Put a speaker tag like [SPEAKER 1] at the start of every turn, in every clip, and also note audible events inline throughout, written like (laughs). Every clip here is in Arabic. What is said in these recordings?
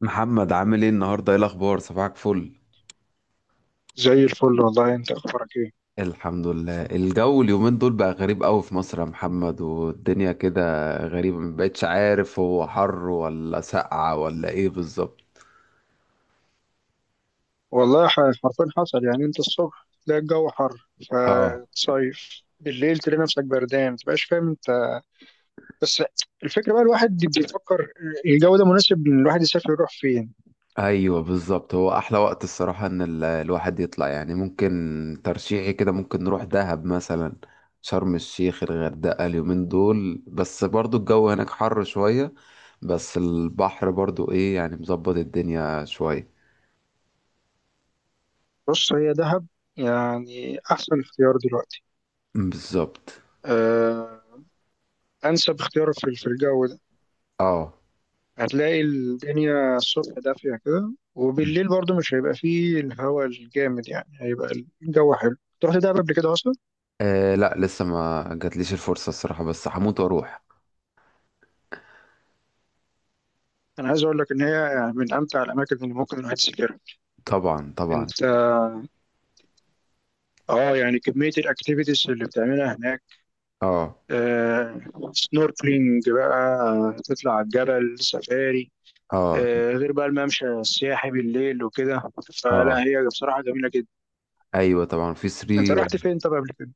[SPEAKER 1] محمد، عامل ايه النهارده؟ ايه الاخبار؟ صباحك فل.
[SPEAKER 2] زي الفل والله، انت اخبارك ايه؟
[SPEAKER 1] الحمد لله. الجو اليومين دول بقى غريب قوي في مصر يا محمد، والدنيا كده غريبه، ما بقتش عارف هو حر ولا سقعه ولا ايه بالظبط.
[SPEAKER 2] والله حرفيا حصل يعني. انت الصبح تلاقي الجو حر،
[SPEAKER 1] اه،
[SPEAKER 2] فتصيف بالليل تلاقي نفسك بردان، متبقاش فاهم انت. بس الفكره بقى، الواحد بيفكر الجو ده مناسب ان الواحد يسافر، يروح فين؟
[SPEAKER 1] ايوه بالظبط. هو احلى وقت الصراحه ان الواحد يطلع، يعني ممكن ترشيحي كده، ممكن نروح دهب مثلا، شرم الشيخ، الغردقه اليومين دول، بس برضو الجو هناك حر شويه، بس البحر برضو ايه يعني، مظبط الدنيا شويه.
[SPEAKER 2] بص، هي دهب يعني احسن اختيار دلوقتي.
[SPEAKER 1] بالظبط.
[SPEAKER 2] أه، انسب اختيار في الجو ده.
[SPEAKER 1] اه.
[SPEAKER 2] هتلاقي الدنيا الصبح دافيه كده،
[SPEAKER 1] مم.
[SPEAKER 2] وبالليل برضو مش هيبقى فيه الهواء الجامد، يعني هيبقى الجو حلو. رحت دهب قبل كده اصلا؟
[SPEAKER 1] آه، لا لسه ما جاتليش الفرصة الصراحة، بس هموت واروح.
[SPEAKER 2] انا عايز اقول لك ان هي يعني من امتع الاماكن اللي ممكن الواحد يسافرها.
[SPEAKER 1] طبعا طبعا.
[SPEAKER 2] انت، اه، يعني كميه الاكتيفيتيز اللي بتعملها هناك.
[SPEAKER 1] اه
[SPEAKER 2] آه، سنوركلينج بقى، تطلع على الجبل سفاري.
[SPEAKER 1] اه
[SPEAKER 2] آه، غير بقى الممشى السياحي بالليل وكده.
[SPEAKER 1] اه.
[SPEAKER 2] فلا، هي بصراحه جميله جدا.
[SPEAKER 1] ايوه طبعا في
[SPEAKER 2] انت
[SPEAKER 1] سري.
[SPEAKER 2] رحت فين طب قبل كده؟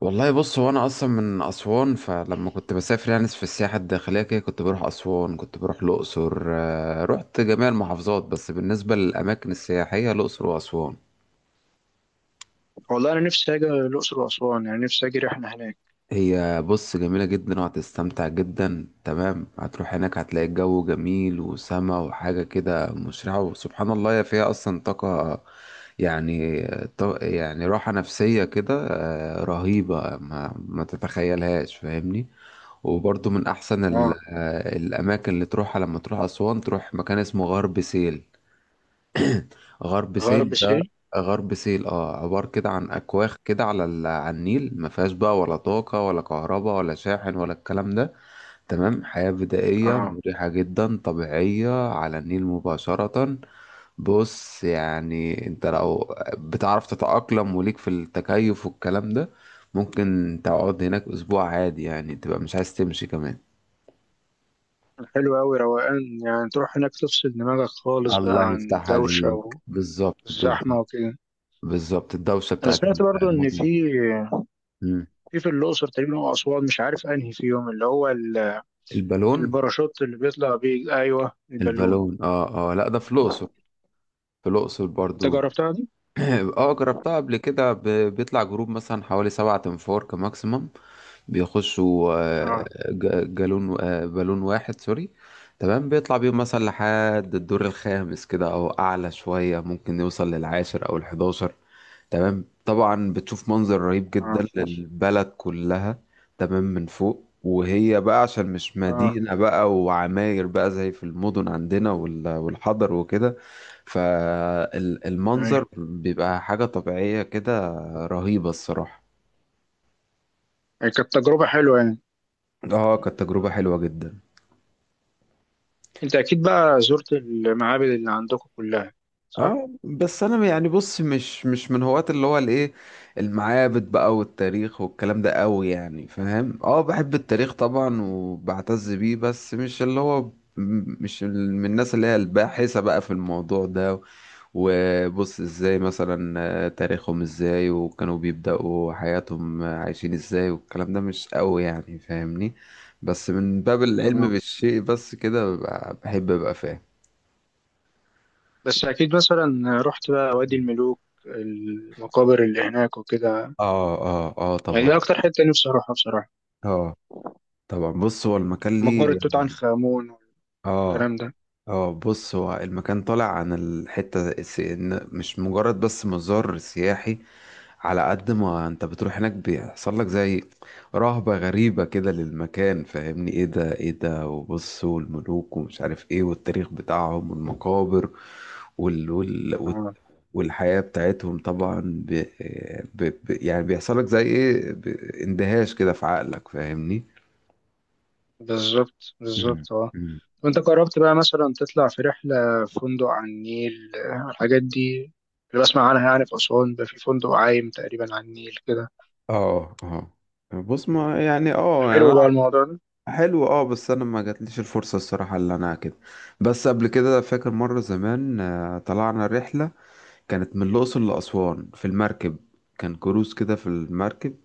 [SPEAKER 1] والله بص، هو انا اصلا من اسوان، فلما كنت بسافر يعني في السياحة الداخلية كده كنت بروح اسوان، كنت بروح الاقصر، رحت جميع المحافظات، بس بالنسبة للاماكن السياحية الاقصر واسوان.
[SPEAKER 2] والله انا نفسي اجي الاقصر واسوان، يعني نفسي اجي رحله هناك.
[SPEAKER 1] هي بص جميلة جدا، وهتستمتع جدا تمام، هتروح هناك هتلاقي الجو جميل وسما وحاجة كده مشرقة، وسبحان الله هي فيها أصلا طاقة، يعني طاقة، يعني راحة نفسية كده، رهيبة ما تتخيلهاش، فاهمني؟ وبرضو من أحسن
[SPEAKER 2] اه،
[SPEAKER 1] الأماكن اللي تروحها لما تروح أسوان، تروح مكان اسمه غرب سهيل. غرب
[SPEAKER 2] غرب
[SPEAKER 1] سهيل ده.
[SPEAKER 2] سهيل،
[SPEAKER 1] غرب سهيل، اه، عبارة كده عن أكواخ كده على على النيل، ما فيهاش بقى ولا طاقة ولا كهرباء ولا شاحن ولا الكلام ده، تمام، حياة بدائية
[SPEAKER 2] اه.
[SPEAKER 1] مريحة جدا طبيعية على النيل مباشرة. بص يعني انت لو بتعرف تتأقلم وليك في التكيف والكلام ده، ممكن تقعد هناك أسبوع عادي، يعني تبقى مش عايز تمشي كمان.
[SPEAKER 2] حلو قوي، روقان يعني، تروح هناك تفصل دماغك خالص
[SPEAKER 1] الله
[SPEAKER 2] بقى عن
[SPEAKER 1] يفتح عليك.
[SPEAKER 2] الدوشه
[SPEAKER 1] بالظبط
[SPEAKER 2] والزحمه
[SPEAKER 1] بالظبط.
[SPEAKER 2] وكده.
[SPEAKER 1] بالظبط، الدوشة
[SPEAKER 2] انا
[SPEAKER 1] بتاعت
[SPEAKER 2] سمعت برضو ان في
[SPEAKER 1] المدن.
[SPEAKER 2] في الاقصر تقريبا او اسوان، مش عارف انهي فيهم، اللي هو
[SPEAKER 1] البالون.
[SPEAKER 2] الباراشوت اللي بيطلع بيه، ايوه البالون.
[SPEAKER 1] البالون اه اه، لا ده في الاقصر، في الاقصر
[SPEAKER 2] انت
[SPEAKER 1] برضو.
[SPEAKER 2] جربتها دي؟
[SPEAKER 1] (clears throat) اه، جربتها قبل كده، بيطلع جروب مثلا حوالي 7 انفار كماكسيمم، بيخشوا
[SPEAKER 2] اه،
[SPEAKER 1] جالون آه، بالون واحد، سوري، تمام، بيطلع بيهم مثلا لحد الدور الخامس كده، او اعلى شوية ممكن يوصل للعاشر او الحداشر، تمام، طبعا بتشوف منظر رهيب
[SPEAKER 2] اه،
[SPEAKER 1] جدا للبلد كلها، تمام، من فوق، وهي بقى عشان مش
[SPEAKER 2] اه،
[SPEAKER 1] مدينة بقى وعماير بقى زي في المدن عندنا والحضر وكده،
[SPEAKER 2] ايوه،
[SPEAKER 1] فالمنظر بيبقى حاجة طبيعية كده رهيبة الصراحة.
[SPEAKER 2] يعني كانت تجربه حلوه يعني.
[SPEAKER 1] اه، كانت تجربة حلوة جدا.
[SPEAKER 2] انت اكيد بقى زرت المعابد اللي عندكم كلها، صح؟
[SPEAKER 1] اه بس انا يعني بص، مش من هواة اللي هو الايه، المعابد بقى والتاريخ والكلام ده قوي، يعني فاهم؟ اه، بحب التاريخ طبعا، وبعتز بيه، بس مش اللي هو م- مش ال- من الناس اللي هي الباحثة بقى في الموضوع ده، وبص ازاي مثلا، تاريخهم ازاي، وكانوا بيبدأوا حياتهم عايشين ازاي، والكلام ده مش قوي يعني، فاهمني؟ بس من باب العلم
[SPEAKER 2] اه.
[SPEAKER 1] بالشيء بس كده، بحب ابقى فاهم.
[SPEAKER 2] بس اكيد مثلا رحت بقى وادي الملوك، المقابر اللي هناك وكده.
[SPEAKER 1] اه اه اه
[SPEAKER 2] يعني
[SPEAKER 1] طبعا.
[SPEAKER 2] دي اكتر حته نفسي اروحها بصراحه.
[SPEAKER 1] اه طبعا، بص هو المكان
[SPEAKER 2] مقبره
[SPEAKER 1] ليه.
[SPEAKER 2] توت عنخ امون
[SPEAKER 1] اه
[SPEAKER 2] والكلام
[SPEAKER 1] اه، بص هو المكان طالع عن الحتة إن مش مجرد بس مزار سياحي، على قد ما انت بتروح هناك بيحصل لك زي رهبة غريبة كده للمكان، فاهمني؟ ايه ده، ايه ده، وبص، والملوك، ومش عارف ايه، والتاريخ بتاعهم والمقابر، وال وال وال-
[SPEAKER 2] ده.
[SPEAKER 1] والحياة بتاعتهم طبعا، ب... يعني بيحصل لك زي ايه، اندهاش كده في عقلك، فاهمني؟
[SPEAKER 2] بالظبط،
[SPEAKER 1] مم.
[SPEAKER 2] بالظبط، اه. وانت قربت بقى مثلا تطلع في رحلة في فندق على النيل، الحاجات دي اللي بسمع عنها، يعني في أسوان ده في فندق عايم تقريبا على النيل كده.
[SPEAKER 1] اه اه، بص ما يعني اه يعني
[SPEAKER 2] حلو بقى
[SPEAKER 1] انا،
[SPEAKER 2] الموضوع ده.
[SPEAKER 1] حلو اه، بس انا ما جاتليش الفرصه الصراحه اللي انا كده، بس قبل كده فاكر مره زمان، طلعنا رحله كانت من الاقصر لاسوان في المركب، كان كروز كده في المركب،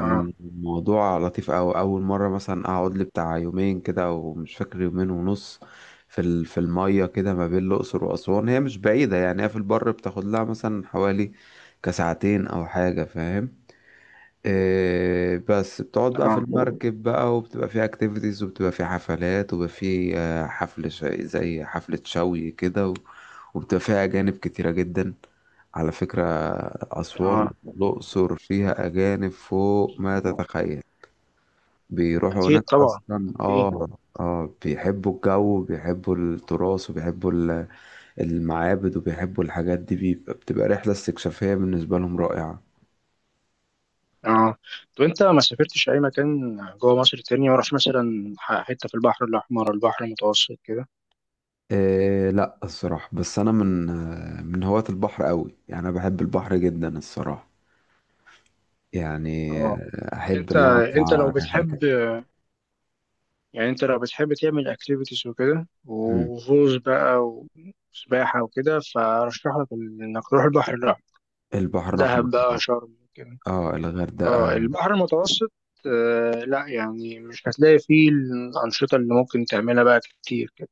[SPEAKER 2] اه،
[SPEAKER 1] الموضوع لطيف أوي، اول مره مثلا اقعد لي بتاع يومين كده، او مش فاكر، يومين ونص، في في الميه كده ما بين الاقصر واسوان، هي مش بعيده يعني، هي في البر بتاخد لها مثلا حوالي كساعتين او حاجه، فاهم؟ إيه، بس بتقعد بقى في
[SPEAKER 2] اه،
[SPEAKER 1] المركب بقى، وبتبقى فيه اكتيفيتيز، وبتبقى فيه حفلات، وبيبقى فيه زي حفلة شوي كده، وبتبقى فيها أجانب كتيرة جدا على فكرة. أسوان،
[SPEAKER 2] اه،
[SPEAKER 1] الأقصر فيها أجانب فوق ما تتخيل، بيروحوا هناك
[SPEAKER 2] أكيد طبعا
[SPEAKER 1] أصلا،
[SPEAKER 2] أكيد،
[SPEAKER 1] آه. آه، بيحبوا الجو، وبيحبوا التراث، وبيحبوا المعابد، وبيحبوا الحاجات دي، بتبقى رحلة استكشافية بالنسبة لهم رائعة.
[SPEAKER 2] اه. طب أنت ما سافرتش أي مكان جوه مصر تاني؟ ما رحتش مثلا حتة في البحر الأحمر، البحر المتوسط كده؟
[SPEAKER 1] إيه لا الصراحة، بس أنا من من هواة البحر قوي، يعني أنا بحب البحر جدا الصراحة، يعني
[SPEAKER 2] اه.
[SPEAKER 1] أحب
[SPEAKER 2] أنت
[SPEAKER 1] إن أنا
[SPEAKER 2] أنت
[SPEAKER 1] أطلع
[SPEAKER 2] لو
[SPEAKER 1] رحلة كده.
[SPEAKER 2] بتحب، يعني انت لو بتحب تعمل اكتيفيتيز وكده
[SPEAKER 1] مم.
[SPEAKER 2] وغوص بقى وسباحة وكده، فرشح لك انك تروح البحر الاحمر،
[SPEAKER 1] البحر الأحمر
[SPEAKER 2] دهب
[SPEAKER 1] طبعا.
[SPEAKER 2] بقى، شرم كده.
[SPEAKER 1] اه،
[SPEAKER 2] اه،
[SPEAKER 1] الغردقة.
[SPEAKER 2] البحر المتوسط. آه لا، يعني مش هتلاقي فيه الأنشطة اللي ممكن تعملها بقى كتير كده.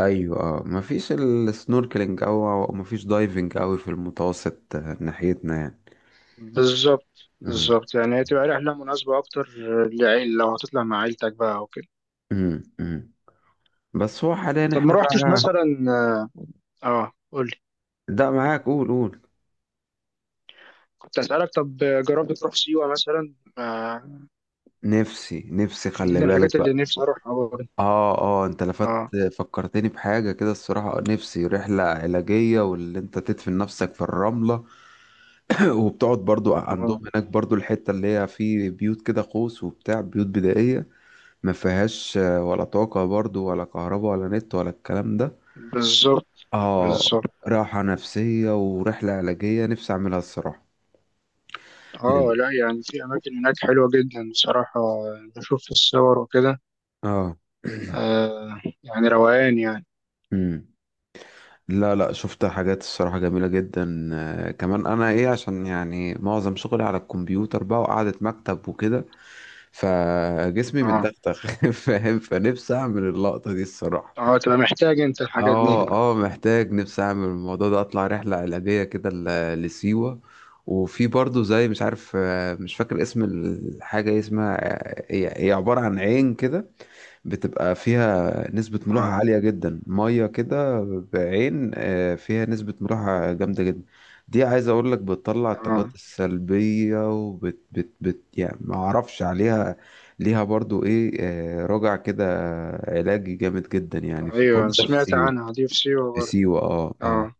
[SPEAKER 1] أيوة اه، مفيش السنوركلينج أو أو مفيش دايفنج أوي في المتوسط، ناحيتنا يعني.
[SPEAKER 2] بالظبط،
[SPEAKER 1] مم.
[SPEAKER 2] بالظبط، يعني هتبقى رحلة مناسبة أكتر لعيل، لو هتطلع مع عيلتك بقى وكده.
[SPEAKER 1] مم. مم. بس هو حاليا
[SPEAKER 2] طب ما
[SPEAKER 1] احنا
[SPEAKER 2] روحتش
[SPEAKER 1] بقى،
[SPEAKER 2] مثلا، اه قولي،
[SPEAKER 1] ده معاك، قول قول.
[SPEAKER 2] كنت أسألك طب، جربت تروح سيوة مثلا؟
[SPEAKER 1] نفسي نفسي،
[SPEAKER 2] دي
[SPEAKER 1] خلي
[SPEAKER 2] من
[SPEAKER 1] بالك.
[SPEAKER 2] الحاجات اللي نفسي أروحها برضه.
[SPEAKER 1] اه اه، انت لفت،
[SPEAKER 2] اه،
[SPEAKER 1] فكرتني بحاجة كده الصراحة، نفسي رحلة علاجية، واللي انت تدفن نفسك في الرملة. (laughs) وبتقعد برضو عندهم
[SPEAKER 2] اه،
[SPEAKER 1] هناك برضو، الحتة اللي هي في بيوت كده قوس وبتاع، بيوت بدائية ما فيهاش ولا طاقة برضو ولا كهرباء ولا نت ولا الكلام ده.
[SPEAKER 2] بالظبط،
[SPEAKER 1] اه،
[SPEAKER 2] بالظبط،
[SPEAKER 1] راحة نفسية ورحلة علاجية نفسي اعملها الصراحة. لأن-
[SPEAKER 2] اه. لا يعني في اماكن هناك حلوه جدا بصراحه، بشوف في الصور وكده.
[SPEAKER 1] اه.
[SPEAKER 2] آه، يعني روقان يعني.
[SPEAKER 1] مم. لا لا، شفت حاجات الصراحة جميلة جدا، كمان أنا إيه، عشان يعني معظم شغلي على الكمبيوتر بقى، وقعدة مكتب وكده، فجسمي
[SPEAKER 2] اه،
[SPEAKER 1] متدغدغ. (laughs) فاهم، فنفسي أعمل اللقطة دي الصراحة.
[SPEAKER 2] اه، تبقى محتاج انت الحاجات دي.
[SPEAKER 1] اه اه محتاج، نفسي أعمل الموضوع ده، أطلع رحلة علاجية كده لسيوة. وفي برضه زي مش عارف مش فاكر اسم الحاجة إيه اسمها، هي هي عبارة عن عين كده بتبقى فيها نسبة ملوحة
[SPEAKER 2] اه،
[SPEAKER 1] عالية جدا، مية كده، بعين فيها نسبة ملوحة جامدة جدا. دي عايز اقول لك بتطلع
[SPEAKER 2] اه،
[SPEAKER 1] الطاقات السلبية، وبت بت بت يعني ما اعرفش عليها، ليها برضو ايه، راجع كده، علاجي جامد جدا يعني، في كل
[SPEAKER 2] ايوه،
[SPEAKER 1] ده في
[SPEAKER 2] سمعت
[SPEAKER 1] سيوة.
[SPEAKER 2] عنها دي في سيوه
[SPEAKER 1] في
[SPEAKER 2] برضه.
[SPEAKER 1] سيوة اه اه.
[SPEAKER 2] اه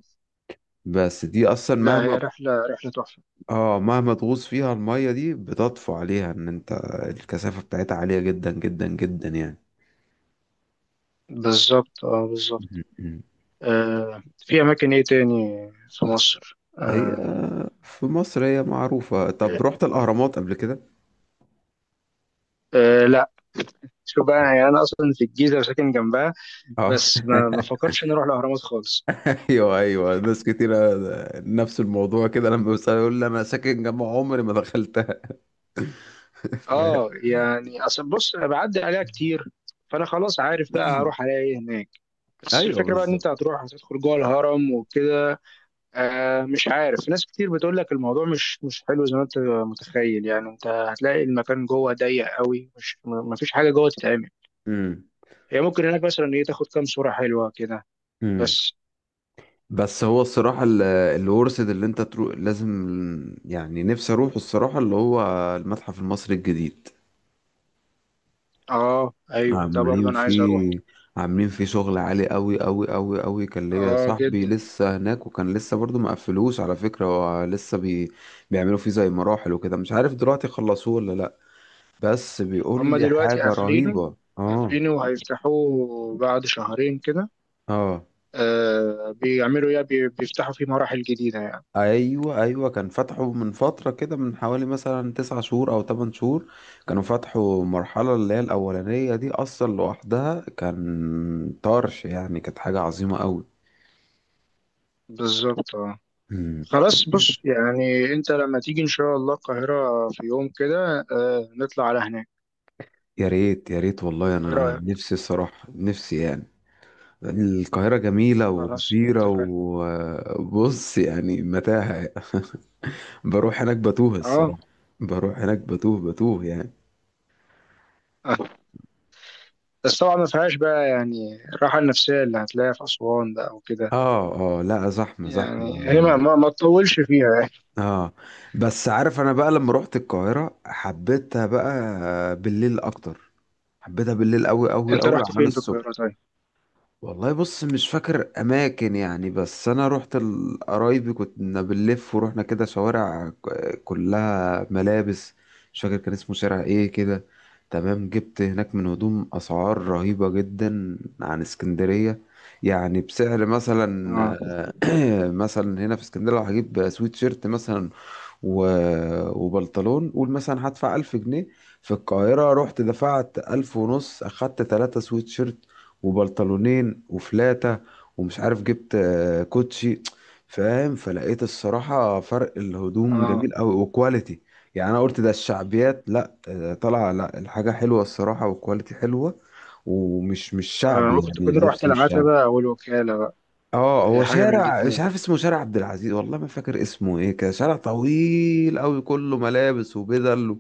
[SPEAKER 1] بس دي اصلا
[SPEAKER 2] لا، هي
[SPEAKER 1] مهما،
[SPEAKER 2] رحله رحله تحفه.
[SPEAKER 1] اه مهما تغوص فيها، المية دي بتطفو عليها، ان انت الكثافة بتاعتها عالية جدا جدا جدا يعني.
[SPEAKER 2] بالظبط، اه، بالظبط.
[SPEAKER 1] (laughs) مم.
[SPEAKER 2] آه، في اماكن ايه تاني في مصر؟
[SPEAKER 1] هي
[SPEAKER 2] آه.
[SPEAKER 1] في مصر هي معروفة. طب رحت الأهرامات قبل كده؟
[SPEAKER 2] آه لا، شوف بقى، يعني انا اصلا في الجيزه وساكن جنبها،
[SPEAKER 1] اه.
[SPEAKER 2] بس ما
[SPEAKER 1] (laughs)
[SPEAKER 2] فكرتش اني اروح الاهرامات خالص.
[SPEAKER 1] ايوه ايوه، ناس كتيرة نفس الموضوع كده، لما بيسأل يقول لي، انا ساكن جنب عمري ما دخلتها. (laughs) ف...
[SPEAKER 2] اه، يعني اصل بص، انا بعدي عليها كتير، فانا خلاص عارف بقى هروح على ايه هناك. بس
[SPEAKER 1] ايوه
[SPEAKER 2] الفكره بقى ان
[SPEAKER 1] بالظبط.
[SPEAKER 2] انت هتروح هتدخل جوه الهرم وكده؟ آه مش عارف، ناس كتير بتقول لك الموضوع مش حلو زي ما انت متخيل، يعني انت هتلاقي المكان جوه ضيق قوي، مش ما فيش حاجه جوه تتعمل.
[SPEAKER 1] امم
[SPEAKER 2] هي ممكن هناك مثلا ايه، تاخد كام صوره حلوه كده
[SPEAKER 1] امم
[SPEAKER 2] بس.
[SPEAKER 1] بس هو الصراحة اللي ورثت اللي انت تروح لازم، يعني نفسي اروح الصراحة اللي هو المتحف المصري الجديد.
[SPEAKER 2] اه، ايوه ده برضه
[SPEAKER 1] عاملين
[SPEAKER 2] انا عايز اروح.
[SPEAKER 1] فيه، عاملين فيه شغل عالي قوي قوي قوي قوي، كان ليا
[SPEAKER 2] اه،
[SPEAKER 1] صاحبي
[SPEAKER 2] جدا.
[SPEAKER 1] لسه هناك، وكان لسه برضو ما قفلوش على فكرة، هو لسه بيعملوا فيه زي مراحل وكده، مش عارف دلوقتي خلصوه ولا لا، بس بيقول
[SPEAKER 2] هما
[SPEAKER 1] لي
[SPEAKER 2] دلوقتي
[SPEAKER 1] حاجة
[SPEAKER 2] قافلينه،
[SPEAKER 1] رهيبة اه.
[SPEAKER 2] قافلينه وهيفتحوه بعد شهرين كده.
[SPEAKER 1] اه
[SPEAKER 2] آه، بيعملوا ايه، بيفتحوا فيه مراحل جديدة يعني.
[SPEAKER 1] ايوه ايوه، كان فتحوا من فترة كده، من حوالي مثلا 9 شهور او 8 شهور، كانوا فتحوا مرحلة اللي هي الأولانية دي أصلا لوحدها، كان طرش، يعني كانت حاجة عظيمة قوي.
[SPEAKER 2] بالظبط، اه. خلاص بص، يعني انت لما تيجي ان شاء الله القاهرة في يوم كده، نطلع على هناك.
[SPEAKER 1] يا ريت يا ريت، والله
[SPEAKER 2] ايه
[SPEAKER 1] انا
[SPEAKER 2] رأيك؟
[SPEAKER 1] نفسي الصراحه، نفسي يعني. القاهره جميله
[SPEAKER 2] خلاص،
[SPEAKER 1] وكبيره،
[SPEAKER 2] اتفقنا.
[SPEAKER 1] وبص يعني متاهه. (laughs) بروح هناك بتوه
[SPEAKER 2] اه،
[SPEAKER 1] الصراحه، بروح هناك بتوه بتوه يعني.
[SPEAKER 2] (laughs) آه. بس طبعا ما فيهاش بقى يعني الراحة النفسية اللي هتلاقيها في أسوان بقى وكده،
[SPEAKER 1] اه اه، لا زحمه زحمه.
[SPEAKER 2] يعني هي ما تطولش فيها يعني.
[SPEAKER 1] اه، بس عارف، انا بقى لما روحت القاهره حبيتها بقى بالليل اكتر، حبيتها بالليل قوي قوي
[SPEAKER 2] انت
[SPEAKER 1] قوي
[SPEAKER 2] رحت
[SPEAKER 1] عن
[SPEAKER 2] فين في القاهرة
[SPEAKER 1] الصبح.
[SPEAKER 2] طيب؟
[SPEAKER 1] والله بص مش فاكر اماكن يعني، بس انا رحت قرايبي كنا بنلف، ورحنا كده شوارع كلها ملابس، مش فاكر كان اسمه شارع ايه كده. تمام، جبت هناك من هدوم اسعار رهيبة جدا عن اسكندرية، يعني بسعر مثلا،
[SPEAKER 2] اه،
[SPEAKER 1] (clears throat) مثلا هنا في اسكندرية لو هجيب سويت شيرت مثلا و... وبنطلون، قول مثلا هدفع 1000 جنيه. في القاهرة رحت دفعت 1500، أخدت 3 سويت شيرت وبنطلونين وفلاتة، ومش عارف جبت كوتشي، فاهم؟ فلقيت الصراحة فرق الهدوم
[SPEAKER 2] اه.
[SPEAKER 1] جميل أوي وكواليتي، يعني أنا قلت ده الشعبيات لأ، طالعة لأ، الحاجة حلوة الصراحة وكواليتي حلوة، ومش مش
[SPEAKER 2] آه،
[SPEAKER 1] شعبي
[SPEAKER 2] ممكن
[SPEAKER 1] يعني،
[SPEAKER 2] تكون رحت
[SPEAKER 1] اللبس مش شعبي.
[SPEAKER 2] العتبة أو الوكالة بقى.
[SPEAKER 1] اه،
[SPEAKER 2] هي
[SPEAKER 1] هو
[SPEAKER 2] حاجة من
[SPEAKER 1] شارع مش
[SPEAKER 2] الاتنين.
[SPEAKER 1] عارف اسمه، شارع عبد العزيز، والله ما فاكر اسمه ايه كده، شارع طويل قوي كله ملابس وبدل و-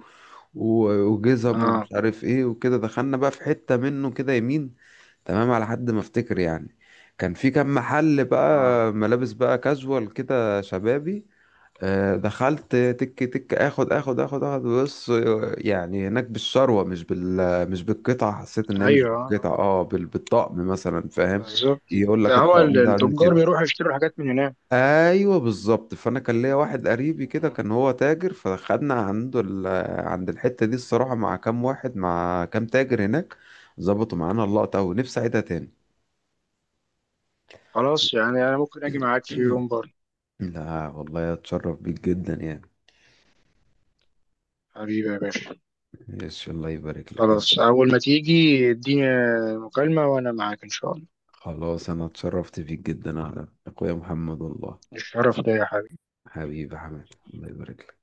[SPEAKER 1] و- وجزم ومش
[SPEAKER 2] اه،
[SPEAKER 1] عارف ايه وكده. دخلنا بقى في حتة منه كده يمين، تمام، على حد ما افتكر يعني كان في كام محل
[SPEAKER 2] اه،
[SPEAKER 1] بقى ملابس بقى كاجوال كده شبابي، دخلت تك تك، اخد اخد اخد اخد، بص، يعني هناك بالشروة، مش بالقطع، حسيت انها مش
[SPEAKER 2] ايوه
[SPEAKER 1] بالقطع، اه بالطقم مثلا فاهم،
[SPEAKER 2] بالظبط،
[SPEAKER 1] يقول لك
[SPEAKER 2] ده هو
[SPEAKER 1] الطقم ده عامل
[SPEAKER 2] التجار
[SPEAKER 1] كده.
[SPEAKER 2] بيروحوا يشتروا الحاجات من هناك.
[SPEAKER 1] ايوه بالظبط، فانا كان ليا واحد قريبي كده
[SPEAKER 2] آه.
[SPEAKER 1] كان هو تاجر، فخدنا عنده عند الحته دي الصراحه، مع كام واحد، مع كام تاجر هناك، ظبطوا معانا اللقطه، ونفسي اعيدها تاني.
[SPEAKER 2] خلاص، يعني انا ممكن اجي معاك في يوم برضه.
[SPEAKER 1] لا والله اتشرف بيك جدا يعني.
[SPEAKER 2] حبيبي يا باشا.
[SPEAKER 1] يش، الله يبارك لك انت.
[SPEAKER 2] خلاص، اول ما تيجي اديني مكالمة، وانا معاك ان شاء الله.
[SPEAKER 1] خلاص انا اتشرفت بيك جدا يا اخويا محمد والله.
[SPEAKER 2] الشرف ده يا حبيبي.
[SPEAKER 1] حبيبي يا حماد، الله يبارك لك.